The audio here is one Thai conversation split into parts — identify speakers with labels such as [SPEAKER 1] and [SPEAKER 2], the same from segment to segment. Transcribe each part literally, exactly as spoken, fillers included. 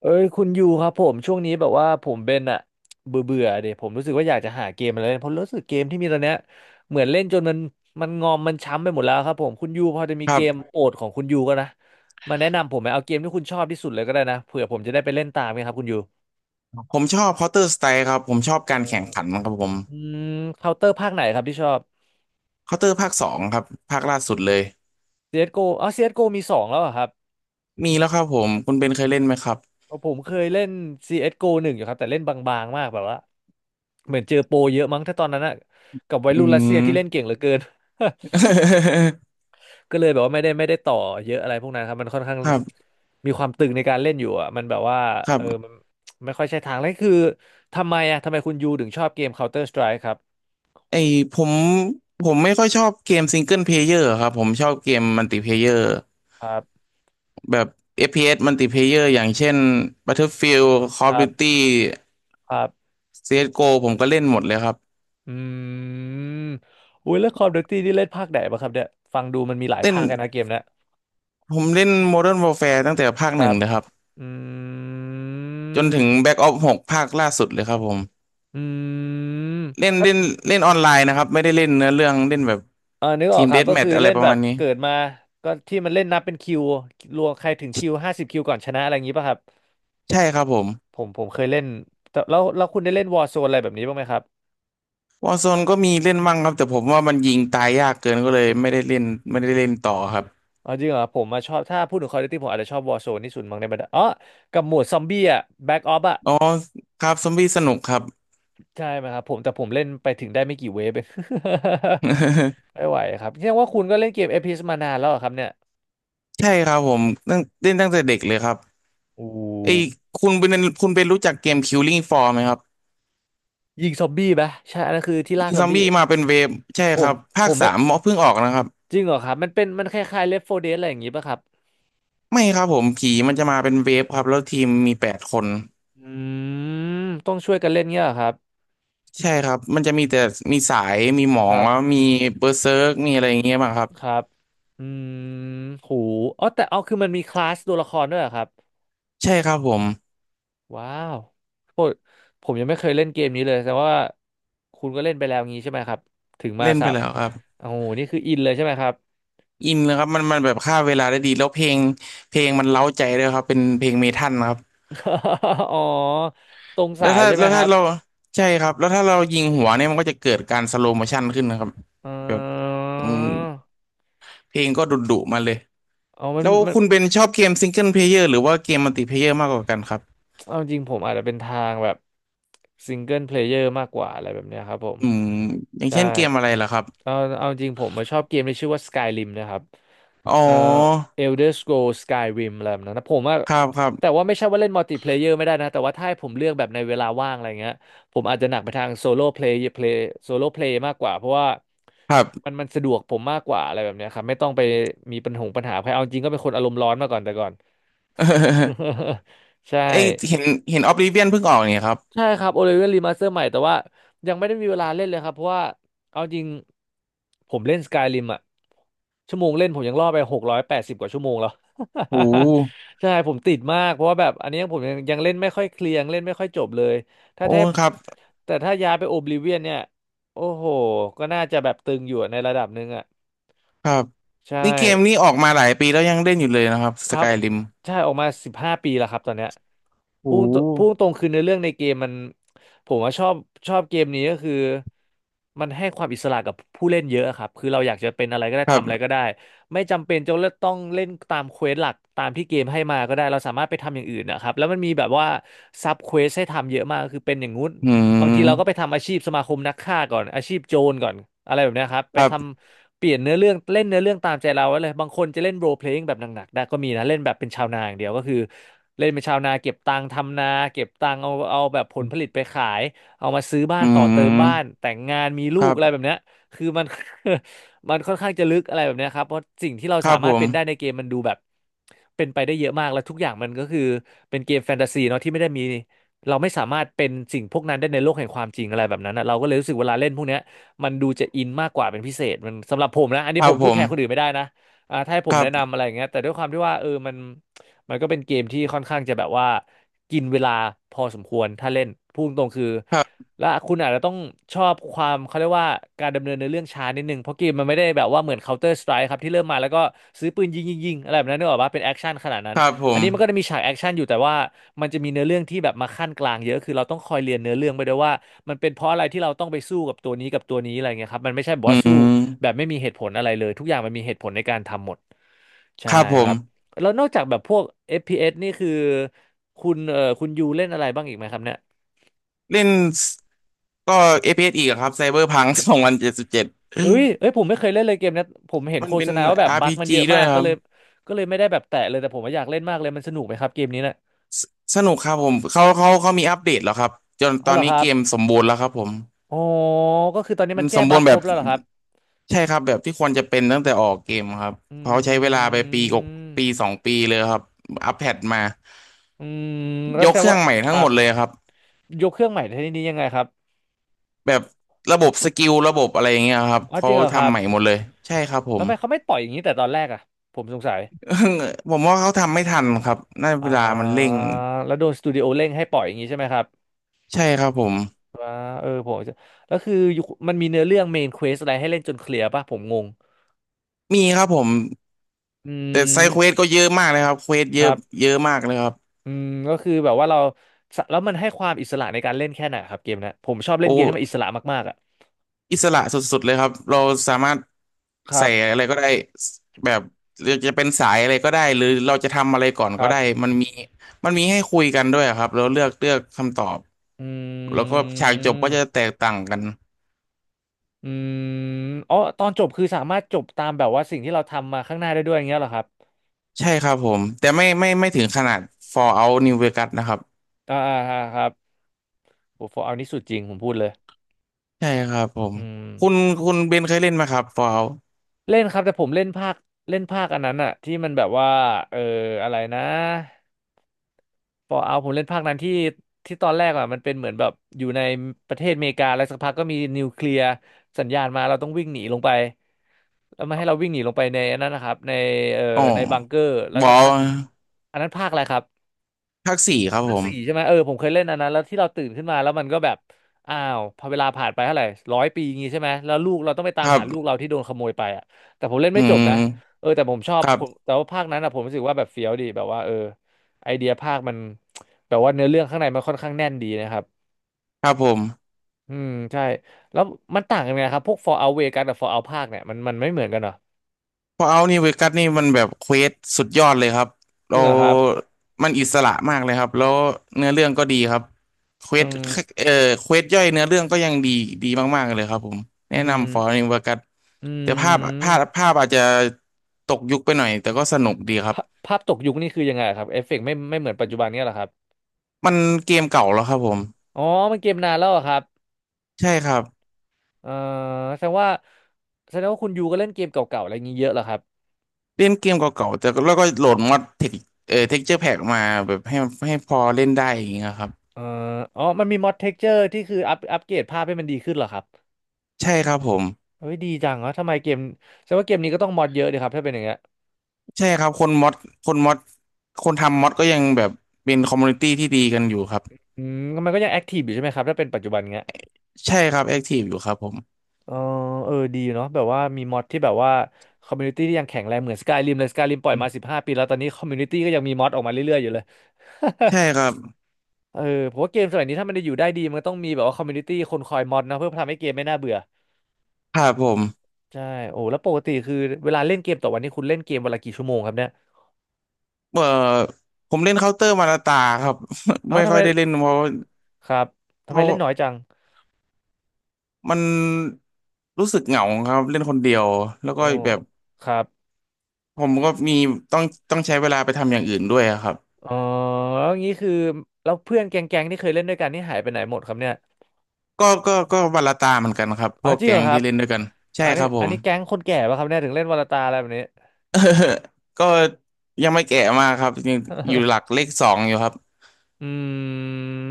[SPEAKER 1] เอ้ยคุณยูครับผมช่วงนี้แบบว่าผมเป็นอะเบื่อเบื่อเดี๋ยผมรู้สึกว่าอยากจะหาเกมอะไรเล่นเพราะรู้สึกเกมที่มีตอนเนี้ยเหมือนเล่นจนมันมันงอมมันช้ำไปหมดแล้วครับผมคุณยูพอจะมี
[SPEAKER 2] ครั
[SPEAKER 1] เกม
[SPEAKER 2] บ
[SPEAKER 1] โปรดของคุณยูก็นะมาแนะนำผมไหมเอาเกมที่คุณชอบที่สุดเลยก็ได้นะเผื่อผมจะได้ไปเล่นตามไงครับคุณยู
[SPEAKER 2] ผมชอบ Counter Strike ครับผมชอบ
[SPEAKER 1] เอ
[SPEAKER 2] กา
[SPEAKER 1] อ
[SPEAKER 2] รแข่งขันครับผม
[SPEAKER 1] อืมเคาน์เตอร์ภาคไหนครับที่ชอบ
[SPEAKER 2] Counter ภาคสองครับภาคล่าสุดเลย
[SPEAKER 1] ซี เอส จี โอ อสโกอ๋อ ซี เอส จี โอ มีสองแล้วเหรอครับ
[SPEAKER 2] มีแล้วครับผมคุณเบนเคยเล่นไหมครับ
[SPEAKER 1] เพราะผมเคยเล่น ซี เอส จี โอ หนึ่งอยู่ครับแต่เล่นบางๆมากแบบว่าเหมือนเจอโปรเยอะมั้งถ้าตอนนั้นอะกับวัย
[SPEAKER 2] อื
[SPEAKER 1] รุ่นรัสเซียที่เล่น
[SPEAKER 2] ม
[SPEAKER 1] เก่งเหลือเกิน ก็เลยแบบว่าไม่ได้ไม่ได้ต่อเยอะอะไรพวกนั้นครับมันค่อนข้าง
[SPEAKER 2] ครับ
[SPEAKER 1] มีความตึงในการเล่นอยู่อ่ะมันแบบว่า
[SPEAKER 2] ครั
[SPEAKER 1] เออมัน
[SPEAKER 2] บ
[SPEAKER 1] ไม่ค่อยใช่ทางแล้วคือทำไมอ่ะทำไมคุณยูถึงชอบเกม Counter Strike ครับ
[SPEAKER 2] ไอผมผมไม่ค่อยชอบเกมซิงเกิลเพลเยอร์ครับผมชอบเกมมัลติเพลเยอร์
[SPEAKER 1] ครับ
[SPEAKER 2] แบบ เอฟ พี เอส มัลติเพลเยอร์อย่างเช่น Battlefield
[SPEAKER 1] ค
[SPEAKER 2] Call of
[SPEAKER 1] รั
[SPEAKER 2] Duty
[SPEAKER 1] บครับ
[SPEAKER 2] ซี เอส จี โอ ผมก็เล่นหมดเลยครับ
[SPEAKER 1] อืมอุ้ยแล้ว Call of Duty นี่เล่นภาคไหนบ้างครับเนี่ยฟังดูมันมีหลาย
[SPEAKER 2] เล่น
[SPEAKER 1] ภาคกันนะเกมเนะ
[SPEAKER 2] ผมเล่น Modern Warfare ตั้งแต่ภาค
[SPEAKER 1] ค
[SPEAKER 2] ห
[SPEAKER 1] รั
[SPEAKER 2] นึ่ง
[SPEAKER 1] บ
[SPEAKER 2] เลยครับ
[SPEAKER 1] อื
[SPEAKER 2] จนถึง
[SPEAKER 1] ม
[SPEAKER 2] Black Ops หกภาคล่าสุดเลยครับผม
[SPEAKER 1] อืม
[SPEAKER 2] เล่น
[SPEAKER 1] แล้ว
[SPEAKER 2] เล่นเล่นออนไลน์นะครับไม่ได้เล่นเนื้อเรื่องเล่นแบบ
[SPEAKER 1] เออนึกอ
[SPEAKER 2] ที
[SPEAKER 1] อก
[SPEAKER 2] ม
[SPEAKER 1] ค
[SPEAKER 2] เด
[SPEAKER 1] รับ
[SPEAKER 2] ธ
[SPEAKER 1] ก็
[SPEAKER 2] แมท
[SPEAKER 1] คือ
[SPEAKER 2] อะไร
[SPEAKER 1] เล่น
[SPEAKER 2] ป
[SPEAKER 1] แบ
[SPEAKER 2] ระมา
[SPEAKER 1] บ
[SPEAKER 2] ณนี้
[SPEAKER 1] เกิดมาก็ที่มันเล่นนับเป็นคิวรวมใครถึงคิวห้าสิบคิวก่อนชนะอะไรอย่างงี้ป่ะครับ
[SPEAKER 2] ใช่ครับผม
[SPEAKER 1] ผมผมเคยเล่นแต่แล้วแล้วคุณได้เล่นวอ r z โซนอะไรแบบนี้บ้างไหมครับ
[SPEAKER 2] วอ r z โซนก็มีเล่นมั่งครับแต่ผมว่ามันยิงตายยากเกินก็เลยไม่ได้เล่นไม่ได้เล่นต่อครับ
[SPEAKER 1] ออจริงเหรอผมมาชอบถ้าพูดถึง Call of Duty ผมอาจจะชอบวอ r z โซนที่สุดมั้งในบรรดาอ๋อกับหมวดซอมบี้อะแบ็กออฟอะ
[SPEAKER 2] อ๋อครับซอมบี้สนุกครับ
[SPEAKER 1] ใช่ไหมครับผมแต่ผมเล่นไปถึงได้ไม่กี่เวฟเอง ไม่ไหวครับแสดงว่าคุณก็เล่นเกม เอฟ พี เอส มานานแล้วเหรอครับเนี่ย
[SPEAKER 2] ใช่ครับผมตั้งเล่นตั้งแต่เด็กเลยครับ
[SPEAKER 1] โอ
[SPEAKER 2] ไอ้ย
[SPEAKER 1] ้
[SPEAKER 2] คุณเป็นคุณเป็นรู้จักเกม Killing Floor ไหมครับ
[SPEAKER 1] ยิงซอมบี้ปะใช่อันนั้นคือที่
[SPEAKER 2] ยิ
[SPEAKER 1] ล่า
[SPEAKER 2] ง
[SPEAKER 1] ซอ
[SPEAKER 2] ซ
[SPEAKER 1] ม
[SPEAKER 2] อม
[SPEAKER 1] บี้
[SPEAKER 2] บี้มาเป็นเวฟใช่
[SPEAKER 1] ผ
[SPEAKER 2] ค
[SPEAKER 1] ม
[SPEAKER 2] รับ
[SPEAKER 1] ผ
[SPEAKER 2] ภาค
[SPEAKER 1] ม
[SPEAKER 2] สา
[SPEAKER 1] ไม่
[SPEAKER 2] มเพิ่งออกนะครับ
[SPEAKER 1] จริงเหรอครับมันเป็นมันคล้ายๆ Left โฟร์ Dead อะไรอย่างงี้ปะครับ
[SPEAKER 2] ไม่ครับผมผีมันจะมาเป็นเวฟครับแล้วทีมมีแปดคน
[SPEAKER 1] อืมต้องช่วยกันเล่นเงี้ยเหรอครับ
[SPEAKER 2] ใช่ครับมันจะมีแต่มีสาย มีหม
[SPEAKER 1] ค
[SPEAKER 2] อง
[SPEAKER 1] รับ
[SPEAKER 2] มีเบอร์เซิร์กมีอะไรอย่างเงี้ยบ้างครับ
[SPEAKER 1] ครับ อืมหูอ๋อแต่เอาคือมันมีคลาสตัวละครด้วยเหรอครับ
[SPEAKER 2] ใช่ครับผม
[SPEAKER 1] ว้าวโหผมยังไม่เคยเล่นเกมนี้เลย แต่ว่าคุณก็เล่นไปแล้วงี้ใช่ไหมครับ ถึงมา
[SPEAKER 2] เล่นไป
[SPEAKER 1] สาว
[SPEAKER 2] แล้วครับ
[SPEAKER 1] โอ้โหนี่คืออินเลยใช่ไหมครับ
[SPEAKER 2] อินเลยครับมันมันแบบฆ่าเวลาได้ดีแล้วเพลงเพลงมันเร้าใจด้วยครับเป็นเพลงเมทัลนะครับ
[SPEAKER 1] อ๋อ ตรง
[SPEAKER 2] แล้
[SPEAKER 1] สา
[SPEAKER 2] ว
[SPEAKER 1] ย
[SPEAKER 2] ถ้า
[SPEAKER 1] ใช่ไหม
[SPEAKER 2] แล้ว
[SPEAKER 1] ค
[SPEAKER 2] ถ้า
[SPEAKER 1] รับ
[SPEAKER 2] เราใช่ครับ แล้วถ้าเรายิงหัวเนี่ยมันก็จะเกิดการสโลว์โมชั่นขึ้นนะครับ
[SPEAKER 1] เ
[SPEAKER 2] แบบ
[SPEAKER 1] ออ
[SPEAKER 2] อืมเพลงก็ดุดุมาเลย
[SPEAKER 1] เอามัน
[SPEAKER 2] แล้ว
[SPEAKER 1] มัน
[SPEAKER 2] คุณเป็นชอบเกมซิงเกิลเพลเยอร์หรือว่าเกมมัลติเพลเยอร์มากกว่ากันครับ
[SPEAKER 1] เอาจริงผมอาจจะเป็นทางแบบซิงเกิลเพลเยอร์มากกว่าอะไรแบบเนี้ยครับผม
[SPEAKER 2] อืมอย่าง
[SPEAKER 1] ใช่
[SPEAKER 2] เช่นเกมอะไรล่ะครับ
[SPEAKER 1] เอาเอาจริงผมมาชอบเกมที่ชื่อว่า Skyrim นะครับ
[SPEAKER 2] อ๋อ
[SPEAKER 1] เอ่อ Elder Scrolls Skyrim อะไรแบบนั้นนะผมว่า
[SPEAKER 2] ครับครับ
[SPEAKER 1] แต่ว่าไม่ใช่ว่าเล่นมัลติเพลเยอร์ไม่ได้นะแต่ว่าถ้าให้ผมเลือกแบบในเวลาว่างอะไรเงี้ยผมอาจจะหนักไปทางโซโล่เพลย์เพลย์โซโล่เพลย์มากกว่าเพราะว่า
[SPEAKER 2] ครับ
[SPEAKER 1] มันมันสะดวกผมมากกว่าอะไรแบบเนี้ยครับไม่ต้องไปมีปัญหาปัญหาใครเอาจริงก็เป็นคนอารมณ์ร้อนมาก่อนแต่ก่อน ใช่
[SPEAKER 2] เอ้ยเห็นเห็นออ bli เวียนเพิ่งออกเนี่ยครับ
[SPEAKER 1] ใช่ครับโอเลเว n รีมาสเตอร์ใหม่แต่ว่ายังไม่ได้มีเวลาเล่นเลยครับเพราะว่าเอาจริงผมเล่นสกาย i ิมอะชั่วโมงเล่นผมยังล่อไปหกร้อยแปดสิบกว่าชั่วโมงแล้ว
[SPEAKER 2] โอ้
[SPEAKER 1] ใช่ผมติดมากเพราะว่าแบบอันนี้ผมยังยังเล่นไม่ค่อยเคลียร์ยังเล่นไม่ค่อยจบเลยถ้า
[SPEAKER 2] โอ้
[SPEAKER 1] จะให้
[SPEAKER 2] ครับ
[SPEAKER 1] แต่ถ้าย้ายไปโอบลิเวียนเนี่ยโอ้โหก็น่าจะแบบตึงอยู่ในระดับหนึ่งอะ
[SPEAKER 2] ครับ
[SPEAKER 1] ใช่
[SPEAKER 2] นี่เกมนี้ออกมาหลายปีแล้วยังเล่นอยู่เลยนะครับ
[SPEAKER 1] ค
[SPEAKER 2] ส
[SPEAKER 1] รับ
[SPEAKER 2] กายริม
[SPEAKER 1] ใช่ออกมาสิบห้าปีแล้วครับตอนเนี้ย
[SPEAKER 2] โอ้
[SPEAKER 1] พูดตพูดตรงคือใน้อเรื่องในเกมมันผมว่าชอบชอบเกมนี้ก็คือมันให้ความอิสระกับผู้เล่นเยอะครับคือเราอยากจะเป็นอะไรก็ได้
[SPEAKER 2] ครั
[SPEAKER 1] ทำอะไร
[SPEAKER 2] บ
[SPEAKER 1] ก็ได้ไม่จำเป็นจะต้องเล่นตามเควสหลักตามที่เกมให้มาก็ได้เราสามารถไปทำอย่างอื่นนะครับแล้วมันมีแบบว่าซับเควสให้ทำเยอะมากคือเป็นอย่างงู้น
[SPEAKER 2] อื
[SPEAKER 1] บางทีเราก็ไป
[SPEAKER 2] ม
[SPEAKER 1] ทำอาชีพสมาคมนักฆ่าก่อนอาชีพโจรก่อนอะไรแบบเนี้ยครับ
[SPEAKER 2] ค
[SPEAKER 1] ไป
[SPEAKER 2] รั
[SPEAKER 1] ท
[SPEAKER 2] บ
[SPEAKER 1] ำ เปลี่ยนเนื้อเรื่องเล่นเนื้อเรื่องตามใจเราไว้เลยบางคนจะเล่นโรลเพล y i แบบหนักๆได้ก็มีนะเล่นแบบเป็นชาวนาอย่างเดียวก็คือเล่นเป็นชาวนาเก็บตังค์ทำนาเก็บตังค์เอาเอาแบบผลผลิตไปขายเอามาซื้อบ้าน
[SPEAKER 2] อื
[SPEAKER 1] ต่อเติมบ้าน
[SPEAKER 2] ม
[SPEAKER 1] แต่งงานมีลู
[SPEAKER 2] ค
[SPEAKER 1] ก
[SPEAKER 2] รั
[SPEAKER 1] อะไรแบ
[SPEAKER 2] บ
[SPEAKER 1] บเนี้ยคือมัน มันค่อนข้างจะลึกอะไรแบบเนี้ยครับเพราะสิ่งที่เรา
[SPEAKER 2] ครั
[SPEAKER 1] สา
[SPEAKER 2] บ
[SPEAKER 1] มา
[SPEAKER 2] ผ
[SPEAKER 1] รถ
[SPEAKER 2] ม
[SPEAKER 1] เป็นได้ในเกมมันดูแบบเป็นไปได้เยอะมากแล้วทุกอย่างมันก็คือเป็นเกมแฟนตาซีเนาะที่ไม่ได้มีเราไม่สามารถเป็นสิ่งพวกนั้นได้ในโลกแห่งความจริงอะไรแบบนั้นนะเราก็เลยรู้สึกเวลาเล่นพวกเนี้ย มันดูจะอินมากกว่าเป็นพิเศษมันสำหรับผมนะอัน
[SPEAKER 2] ค
[SPEAKER 1] นี้
[SPEAKER 2] รั
[SPEAKER 1] ผ
[SPEAKER 2] บ
[SPEAKER 1] ม
[SPEAKER 2] ผ
[SPEAKER 1] พูดแท
[SPEAKER 2] ม
[SPEAKER 1] นคนอื่นไม่ได้นะอ่าถ้าให้ผ
[SPEAKER 2] ค
[SPEAKER 1] ม
[SPEAKER 2] รั
[SPEAKER 1] แนะนำอะ
[SPEAKER 2] บ
[SPEAKER 1] ไรอย่างเงี้ยแต่ด้วยความที่ว่าเออมันมันก็เป็นเกมที่ค่อนข้างจะแบบว่ากินเวลาพอสมควรถ้าเล่นพูดตรงๆคือ
[SPEAKER 2] ครับ
[SPEAKER 1] และคุณอาจจะต้องชอบความเขาเรียกว่าการดำเนินในอเรื่องช้านิดนึงเพราะเกมมันไม่ได้แบบว่าเหมือน Counter Strike ครับที่เริ่มมาแล้วก็ซื้อปืนยิงยิงยิงอะไรแบบนั้นนึกออกปะเป็นแอคชั่นขนาดนั้
[SPEAKER 2] ค
[SPEAKER 1] น
[SPEAKER 2] รับผ
[SPEAKER 1] อัน
[SPEAKER 2] ม
[SPEAKER 1] นี้มันก็จะมีฉากแอคชั่นอยู่แต่ว่ามันจะมีเนื้อเรื่องที่แบบมาขั้นกลางเยอะคือเราต้องคอยเรียนเนื้อเรื่องไปด้วยว่ามันเป็นเพราะอะไรที่เราต้องไปสู้กับตัวนี้กับตัวนี้อะไรเงี้ยครับมันไม่ใช่บอก
[SPEAKER 2] อื
[SPEAKER 1] ว่าสู้แบบ
[SPEAKER 2] ม
[SPEAKER 1] ไม่มีเหตุผลอะไรเลยทุกอย่างมันมีเหตุผลในการทำหมดใช่
[SPEAKER 2] ครับผ
[SPEAKER 1] ครั
[SPEAKER 2] ม
[SPEAKER 1] บแล้วนอกจากแบบพวก เอฟ พี เอส นี่คือคุณเอ่อคุณยูเล่นอะไรบ้างอีกไหมครับเนี่ย
[SPEAKER 2] เล่นสก็ เอฟ พี เอส อฟพีเอสอีกอะครับไซเบอร์พังสองพันเจ็ดสิบเจ็ด
[SPEAKER 1] เอ้ยเอ้ยผมไม่เคยเล่นเลยเกมเนี้ยผมเห็น
[SPEAKER 2] มัน
[SPEAKER 1] โฆ
[SPEAKER 2] เป็
[SPEAKER 1] ษ
[SPEAKER 2] น
[SPEAKER 1] ณาว่าแบบบั๊กมัน
[SPEAKER 2] อาร์ พี จี
[SPEAKER 1] เยอะ
[SPEAKER 2] ด้ว
[SPEAKER 1] มา
[SPEAKER 2] ย
[SPEAKER 1] ก
[SPEAKER 2] นะค
[SPEAKER 1] ก็
[SPEAKER 2] รั
[SPEAKER 1] เล
[SPEAKER 2] บ
[SPEAKER 1] ยก็เลยไม่ได้แบบแตะเลยแต่ผมว่าอยากเล่นมากเลยมันสนุกไหมครับเกมนี้เนี่ย
[SPEAKER 2] สนุกครับผมเขาเขาเขามีอัปเดตแล้วครับ จน
[SPEAKER 1] อ๋อ
[SPEAKER 2] ตอ
[SPEAKER 1] เหร
[SPEAKER 2] น
[SPEAKER 1] อค
[SPEAKER 2] นี้
[SPEAKER 1] รั
[SPEAKER 2] เก
[SPEAKER 1] บ
[SPEAKER 2] มสมบูรณ์แล้วครับผม
[SPEAKER 1] อ๋อก็คือตอนนี้
[SPEAKER 2] มั
[SPEAKER 1] มั
[SPEAKER 2] น
[SPEAKER 1] น
[SPEAKER 2] ส
[SPEAKER 1] แก้
[SPEAKER 2] มบู
[SPEAKER 1] บั๊
[SPEAKER 2] ร
[SPEAKER 1] ก
[SPEAKER 2] ณ์
[SPEAKER 1] ค
[SPEAKER 2] แบ
[SPEAKER 1] รบ
[SPEAKER 2] บ
[SPEAKER 1] แล้วเหรอครับ
[SPEAKER 2] ใช่ครับแบบที่ควรจะเป็นตั้งแต่ออกเกมครับ
[SPEAKER 1] อ
[SPEAKER 2] เขาใช้เว
[SPEAKER 1] ื
[SPEAKER 2] ลาไปปีกบปีส
[SPEAKER 1] ม
[SPEAKER 2] องปีเลยครับอัปเดตมา
[SPEAKER 1] อืมแล้ว
[SPEAKER 2] ย
[SPEAKER 1] แส
[SPEAKER 2] ก
[SPEAKER 1] ด
[SPEAKER 2] เค
[SPEAKER 1] ง
[SPEAKER 2] รื่อ
[SPEAKER 1] ว่า
[SPEAKER 2] งใหม่
[SPEAKER 1] ค
[SPEAKER 2] ทั้ง
[SPEAKER 1] รั
[SPEAKER 2] หม
[SPEAKER 1] บ
[SPEAKER 2] ดเลยครับ
[SPEAKER 1] ยกเครื่องใหม่ในที่นี้ยังไงครับ
[SPEAKER 2] แบบระบบสกิลระบบอะไรอย่างเงี้ยครับ
[SPEAKER 1] อ๋อจ
[SPEAKER 2] เขา
[SPEAKER 1] ริงเหรอครั
[SPEAKER 2] ทำ
[SPEAKER 1] บ
[SPEAKER 2] ใหม่หมดเลยใช่ครับผ
[SPEAKER 1] แล้ว
[SPEAKER 2] ม
[SPEAKER 1] ทำไมเขาไม่ปล่อยอย่างนี้แต่ตอนแรกอ่ะผมสงสัย
[SPEAKER 2] ผมว่าเขาทำไม่ทันครับน่า
[SPEAKER 1] อ่
[SPEAKER 2] เวลามันเร่
[SPEAKER 1] า
[SPEAKER 2] ง
[SPEAKER 1] แล้วโดนสตูดิโอเร่งให้ปล่อยอย่างนี้ใช่ไหมครับ
[SPEAKER 2] ใช่ครับผม
[SPEAKER 1] ว่าเออผมจะแล้วคืออยู่มันมีเนื้อเรื่องเมนเควสอะไรให้เล่นจนเคลียร์ป่ะผมงง
[SPEAKER 2] มีครับผม
[SPEAKER 1] อื
[SPEAKER 2] แต่ไซด์เควส
[SPEAKER 1] ม
[SPEAKER 2] ก็เยอะมากเลยครับเควส
[SPEAKER 1] ค
[SPEAKER 2] เยอะ
[SPEAKER 1] รั
[SPEAKER 2] เย
[SPEAKER 1] บ
[SPEAKER 2] อะมากเลยครับ
[SPEAKER 1] อืมก็คือแบบว่าเราสะแล้วมันให้ความอิสระในการเล่นแค่ไหนครับเกมเนะผมชอบเล่
[SPEAKER 2] โอ้
[SPEAKER 1] นเกมที่มันอิสระมากๆอ่ะ
[SPEAKER 2] อิสระสุดๆ เลยครับเราสามารถ
[SPEAKER 1] ครั
[SPEAKER 2] ใส่
[SPEAKER 1] บ
[SPEAKER 2] อะไรก็ได้แบบจะเป็นสายอะไรก็ได้หรือเราจะทำอะไรก่อน
[SPEAKER 1] ค
[SPEAKER 2] ก็
[SPEAKER 1] รั
[SPEAKER 2] ได้
[SPEAKER 1] บ
[SPEAKER 2] มันมีมันมีให้คุยกันด้วยครับเราเลือกเลือกคำตอบ
[SPEAKER 1] อื
[SPEAKER 2] แล้วก็ฉากจบก็จะ
[SPEAKER 1] ม
[SPEAKER 2] แตกต่างกัน
[SPEAKER 1] อืมอ๋อตอนจบคือสามารถจบตามแบบว่าสิ่งที่เราทำมาข้างหน้าได้ด้วยอย่างเงี้ยเหรอครับ
[SPEAKER 2] ใช่ครับผมแต่ไม่ไม่ไม่ถึงขนาด Fallout New Vegas นะครับ
[SPEAKER 1] อ่าอ่าอ่าครับโอ้โหเอานี่สุดจริงผมพูดเลย
[SPEAKER 2] ใช่ครับผม
[SPEAKER 1] อืม
[SPEAKER 2] คุณคุณเบนเคยเล่นไหมครับ Fallout
[SPEAKER 1] เล่นครับแต่ผมเล่นภาคเล่นภาคอันนั้นอะที่มันแบบว่าเอออะไรนะ Fallout ผมเล่นภาคนั้นที่ที่ตอนแรกอะมันเป็นเหมือนแบบอยู่ในประเทศอเมริกาแล้วสักพักก็มีนิวเคลียร์สัญญาณมาเราต้องวิ่งหนีลงไปแล้วมาให้เราวิ่งหนีลงไปในอันนั้นนะครับในเอ่อ
[SPEAKER 2] อ๋อ
[SPEAKER 1] ในบังเกอร์แล้ว
[SPEAKER 2] บ
[SPEAKER 1] สั
[SPEAKER 2] อ
[SPEAKER 1] กพักอันนั้นภาคอะไรครับ
[SPEAKER 2] ภาคสี่ครับ
[SPEAKER 1] ภา
[SPEAKER 2] ผ
[SPEAKER 1] ค
[SPEAKER 2] ม
[SPEAKER 1] สี่ใช่ไหมเออผมเคยเล่นอันนั้นแล้วที่เราตื่นขึ้นมาแล้วมันก็แบบอ้าวพอเวลาผ่านไปเท่าไหร่ร้อยปีงี้ใช่ไหมแล้วลูกเราต้องไปตา
[SPEAKER 2] ค
[SPEAKER 1] ม
[SPEAKER 2] รั
[SPEAKER 1] หาลูก
[SPEAKER 2] บ
[SPEAKER 1] เราที่โดนขโมยไปอ่ะแต่ผมเล่น
[SPEAKER 2] อื
[SPEAKER 1] ไม่จบนะ
[SPEAKER 2] ม
[SPEAKER 1] เออแต่ผมชอบ
[SPEAKER 2] ครั
[SPEAKER 1] ผ
[SPEAKER 2] บ
[SPEAKER 1] มแต่ว่าภาคนั้นอ่ะผมรู้สึกว่าแบบเฟี้ยวดีแบบว่าเออไอเดียภาคมันแบบว่าเนื้อเรื่องข้างในมันค่อนข้างแน่นดีนะครับ
[SPEAKER 2] ครับผม
[SPEAKER 1] อืมใช่แล้วมันต่างกันไงครับพวก For Out Vegas กับ For Out ภาคเนี่ยมันมันไม่เหมือนกันเหรอ
[SPEAKER 2] พอเอานี่เวกัสนี่มันแบบเควสสุดยอดเลยครับ
[SPEAKER 1] จริ
[SPEAKER 2] เรา
[SPEAKER 1] งเหรอครับ
[SPEAKER 2] มันอิสระมากเลยครับ แล้วเนื้อเรื่องก็ดีครับเคว
[SPEAKER 1] อื
[SPEAKER 2] ส
[SPEAKER 1] ม
[SPEAKER 2] เอ่อเควสย่อยเนื้อเรื่องก็ยังดีดีมากๆเลยครับผม
[SPEAKER 1] อื
[SPEAKER 2] แนะนำฟอร์
[SPEAKER 1] ม
[SPEAKER 2] นิเวกัส
[SPEAKER 1] อื
[SPEAKER 2] แต่ภาพภาพ
[SPEAKER 1] ม
[SPEAKER 2] ภาพอาจจะตกยุคไปหน่อยแต่ก็สนุกดีครับ
[SPEAKER 1] ภาพภาพตกยุคนี่คือยังไงครับเอฟเฟกต์ไม่ไม่เหมือนปัจจุบันเนี่ยเหรอครับ
[SPEAKER 2] มันเกมเก่าแล้วครับผม
[SPEAKER 1] อ๋อ มันเกมนานแล้วเหรอครับ
[SPEAKER 2] ใช่ครับ
[SPEAKER 1] เออแสดงว่าแสดงว่าคุณยูก็เล่นเกมเก่าๆอะไรอย่างนี้เยอะเหรอครับ
[SPEAKER 2] เล่นเกมเก่าๆแต่แล้วก็โหลดมอดเทคเอ่อเท็กเจอร์แพกมาแบบให้ให้พอเล่นได้อย่างเงี้ยครับ
[SPEAKER 1] เอออ๋อ มันมีเอ็ม โอ ดี เท็กเจอร์ที่คืออัพอัปเกรดภาพให้มันดีขึ้นเหรอครับ
[SPEAKER 2] ใช่ครับผม
[SPEAKER 1] เฮ้ยดีจังวะทำไมเกมแสดงว่าเกมนี้ก็ต้องมอดเยอะดีครับถ้าเป็นอย่างเงี้ย
[SPEAKER 2] ใช่ครับคนมอดคนมอดคนทำมอดก็ยังแบบเป็นคอมมูนิตี้ที่ดีกันอยู่ครับ
[SPEAKER 1] อืมมันก็ยังแอคทีฟอยู่ใช่ไหมครับถ้าเป็นปัจจุบันเงี้ย
[SPEAKER 2] ใช่ครับแอคทีฟอยู่ครับผม
[SPEAKER 1] เออเออ ดีเนาะแบบว่ามีมอดที่แบบว่าคอมมูนิตี้ที่ยังแข็งแรงเหมือนสกายริมเลยสกายริมปล่อยมาสิบห้าปีแล้วตอนนี้คอมมูนิตี้ก็ยังมีมอดออกมาเรื่อยๆอยู่เลย
[SPEAKER 2] ใช่ครับ
[SPEAKER 1] เออผมว่าเกมสมัยนี้ถ้ามันจะอยู่ได้ดีมันก็ต้องมีแบบว่าคอมมูนิตี้คนคอยมอดนะเพื่อทำให้เกมไม่น่าเบื่อ
[SPEAKER 2] ครับผม
[SPEAKER 1] ใช่โอ้แล้วปกติคือเวลาเล่นเกมต่อวันนี้คุณเล่นเกมวันละกี่ชั่วโมงครับเนี่ย
[SPEAKER 2] เอ่อผมเล่นเคาน์เตอร์มาตาครับ
[SPEAKER 1] เอ้า
[SPEAKER 2] ไม่
[SPEAKER 1] ทำ
[SPEAKER 2] ค่อ
[SPEAKER 1] ไม
[SPEAKER 2] ยได้เล่นเพราะ
[SPEAKER 1] ครับ
[SPEAKER 2] เพ
[SPEAKER 1] ทำไม
[SPEAKER 2] ราะ
[SPEAKER 1] เล่นน้อยจัง
[SPEAKER 2] มันรู้สึกเหงาครับเล่นคนเดียวแล้วก็
[SPEAKER 1] โอ้
[SPEAKER 2] แบบ
[SPEAKER 1] ครับ
[SPEAKER 2] ผมก็มีต้องต้องใช้เวลาไปทำอย่างอื่นด้วยอะครับ
[SPEAKER 1] อ๋อแล้วงี้คือแล้วเพื่อนแก๊งๆที่เคยเล่นด้วยกันนี่หายไปไหนหมดครับเนี่ย
[SPEAKER 2] ก็ก็ก็วาลาตาเหมือนกันครับพ
[SPEAKER 1] อ๋อ
[SPEAKER 2] วก
[SPEAKER 1] จริง
[SPEAKER 2] แก๊
[SPEAKER 1] เหรอ
[SPEAKER 2] ง
[SPEAKER 1] ครั
[SPEAKER 2] ที่
[SPEAKER 1] บ
[SPEAKER 2] เล่นด้วยกันใช่
[SPEAKER 1] อัน
[SPEAKER 2] ค
[SPEAKER 1] นี้
[SPEAKER 2] รับผ
[SPEAKER 1] อัน
[SPEAKER 2] ม
[SPEAKER 1] นี้แก๊งคนแก่ป่ะครับเนี่ยถึงเล่นวันละตาอะไรแบบนี้
[SPEAKER 2] เออก็ยังไม่แก่มากครับยังอยู่หลักเลขสองอยู่ครับ
[SPEAKER 1] อื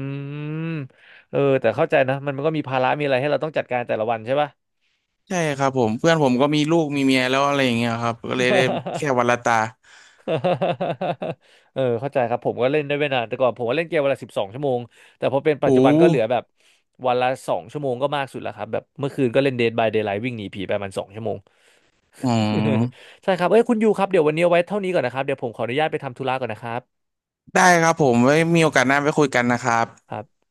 [SPEAKER 1] มเออแต่เข้าใจนะมันก็มีภาระมีอะไรให้เราต้องจัดการแต่ละวันใช่ป่ะ
[SPEAKER 2] ใช่ครับผมเพื่อนผมก็มีลูกมีเมียแล้วอะไรอย่างเงี้ยครับก็เลยได้แค่ วันละตา
[SPEAKER 1] เออเข้าใจครับผมก็เล่นได้ไม่นานแต่ก่อนผมก็เล่นเกมวันละสิบสองชั่วโมงแต่พอเป็นปัจ
[SPEAKER 2] หู
[SPEAKER 1] จุบันก็เหลือแบบวันละสองชั่วโมงก็มากสุดแล้วครับแบบเมื่อคืนก็เล่น Dead by Daylight วิ่งหนีผีไปมันสองชั่วโมง
[SPEAKER 2] อืม
[SPEAKER 1] ใช่ครับเอ้ยคุณยูครับเดี๋ยววันนี้เอาไว้เท่านี้ก่อนนะครับเดี๋ยวผมขออนุญาตไปทำธุระก่อนนะครับ
[SPEAKER 2] ได้ครับผมไว้มีโอกาสหน้าไปคุยกันนะครับ
[SPEAKER 1] ครับ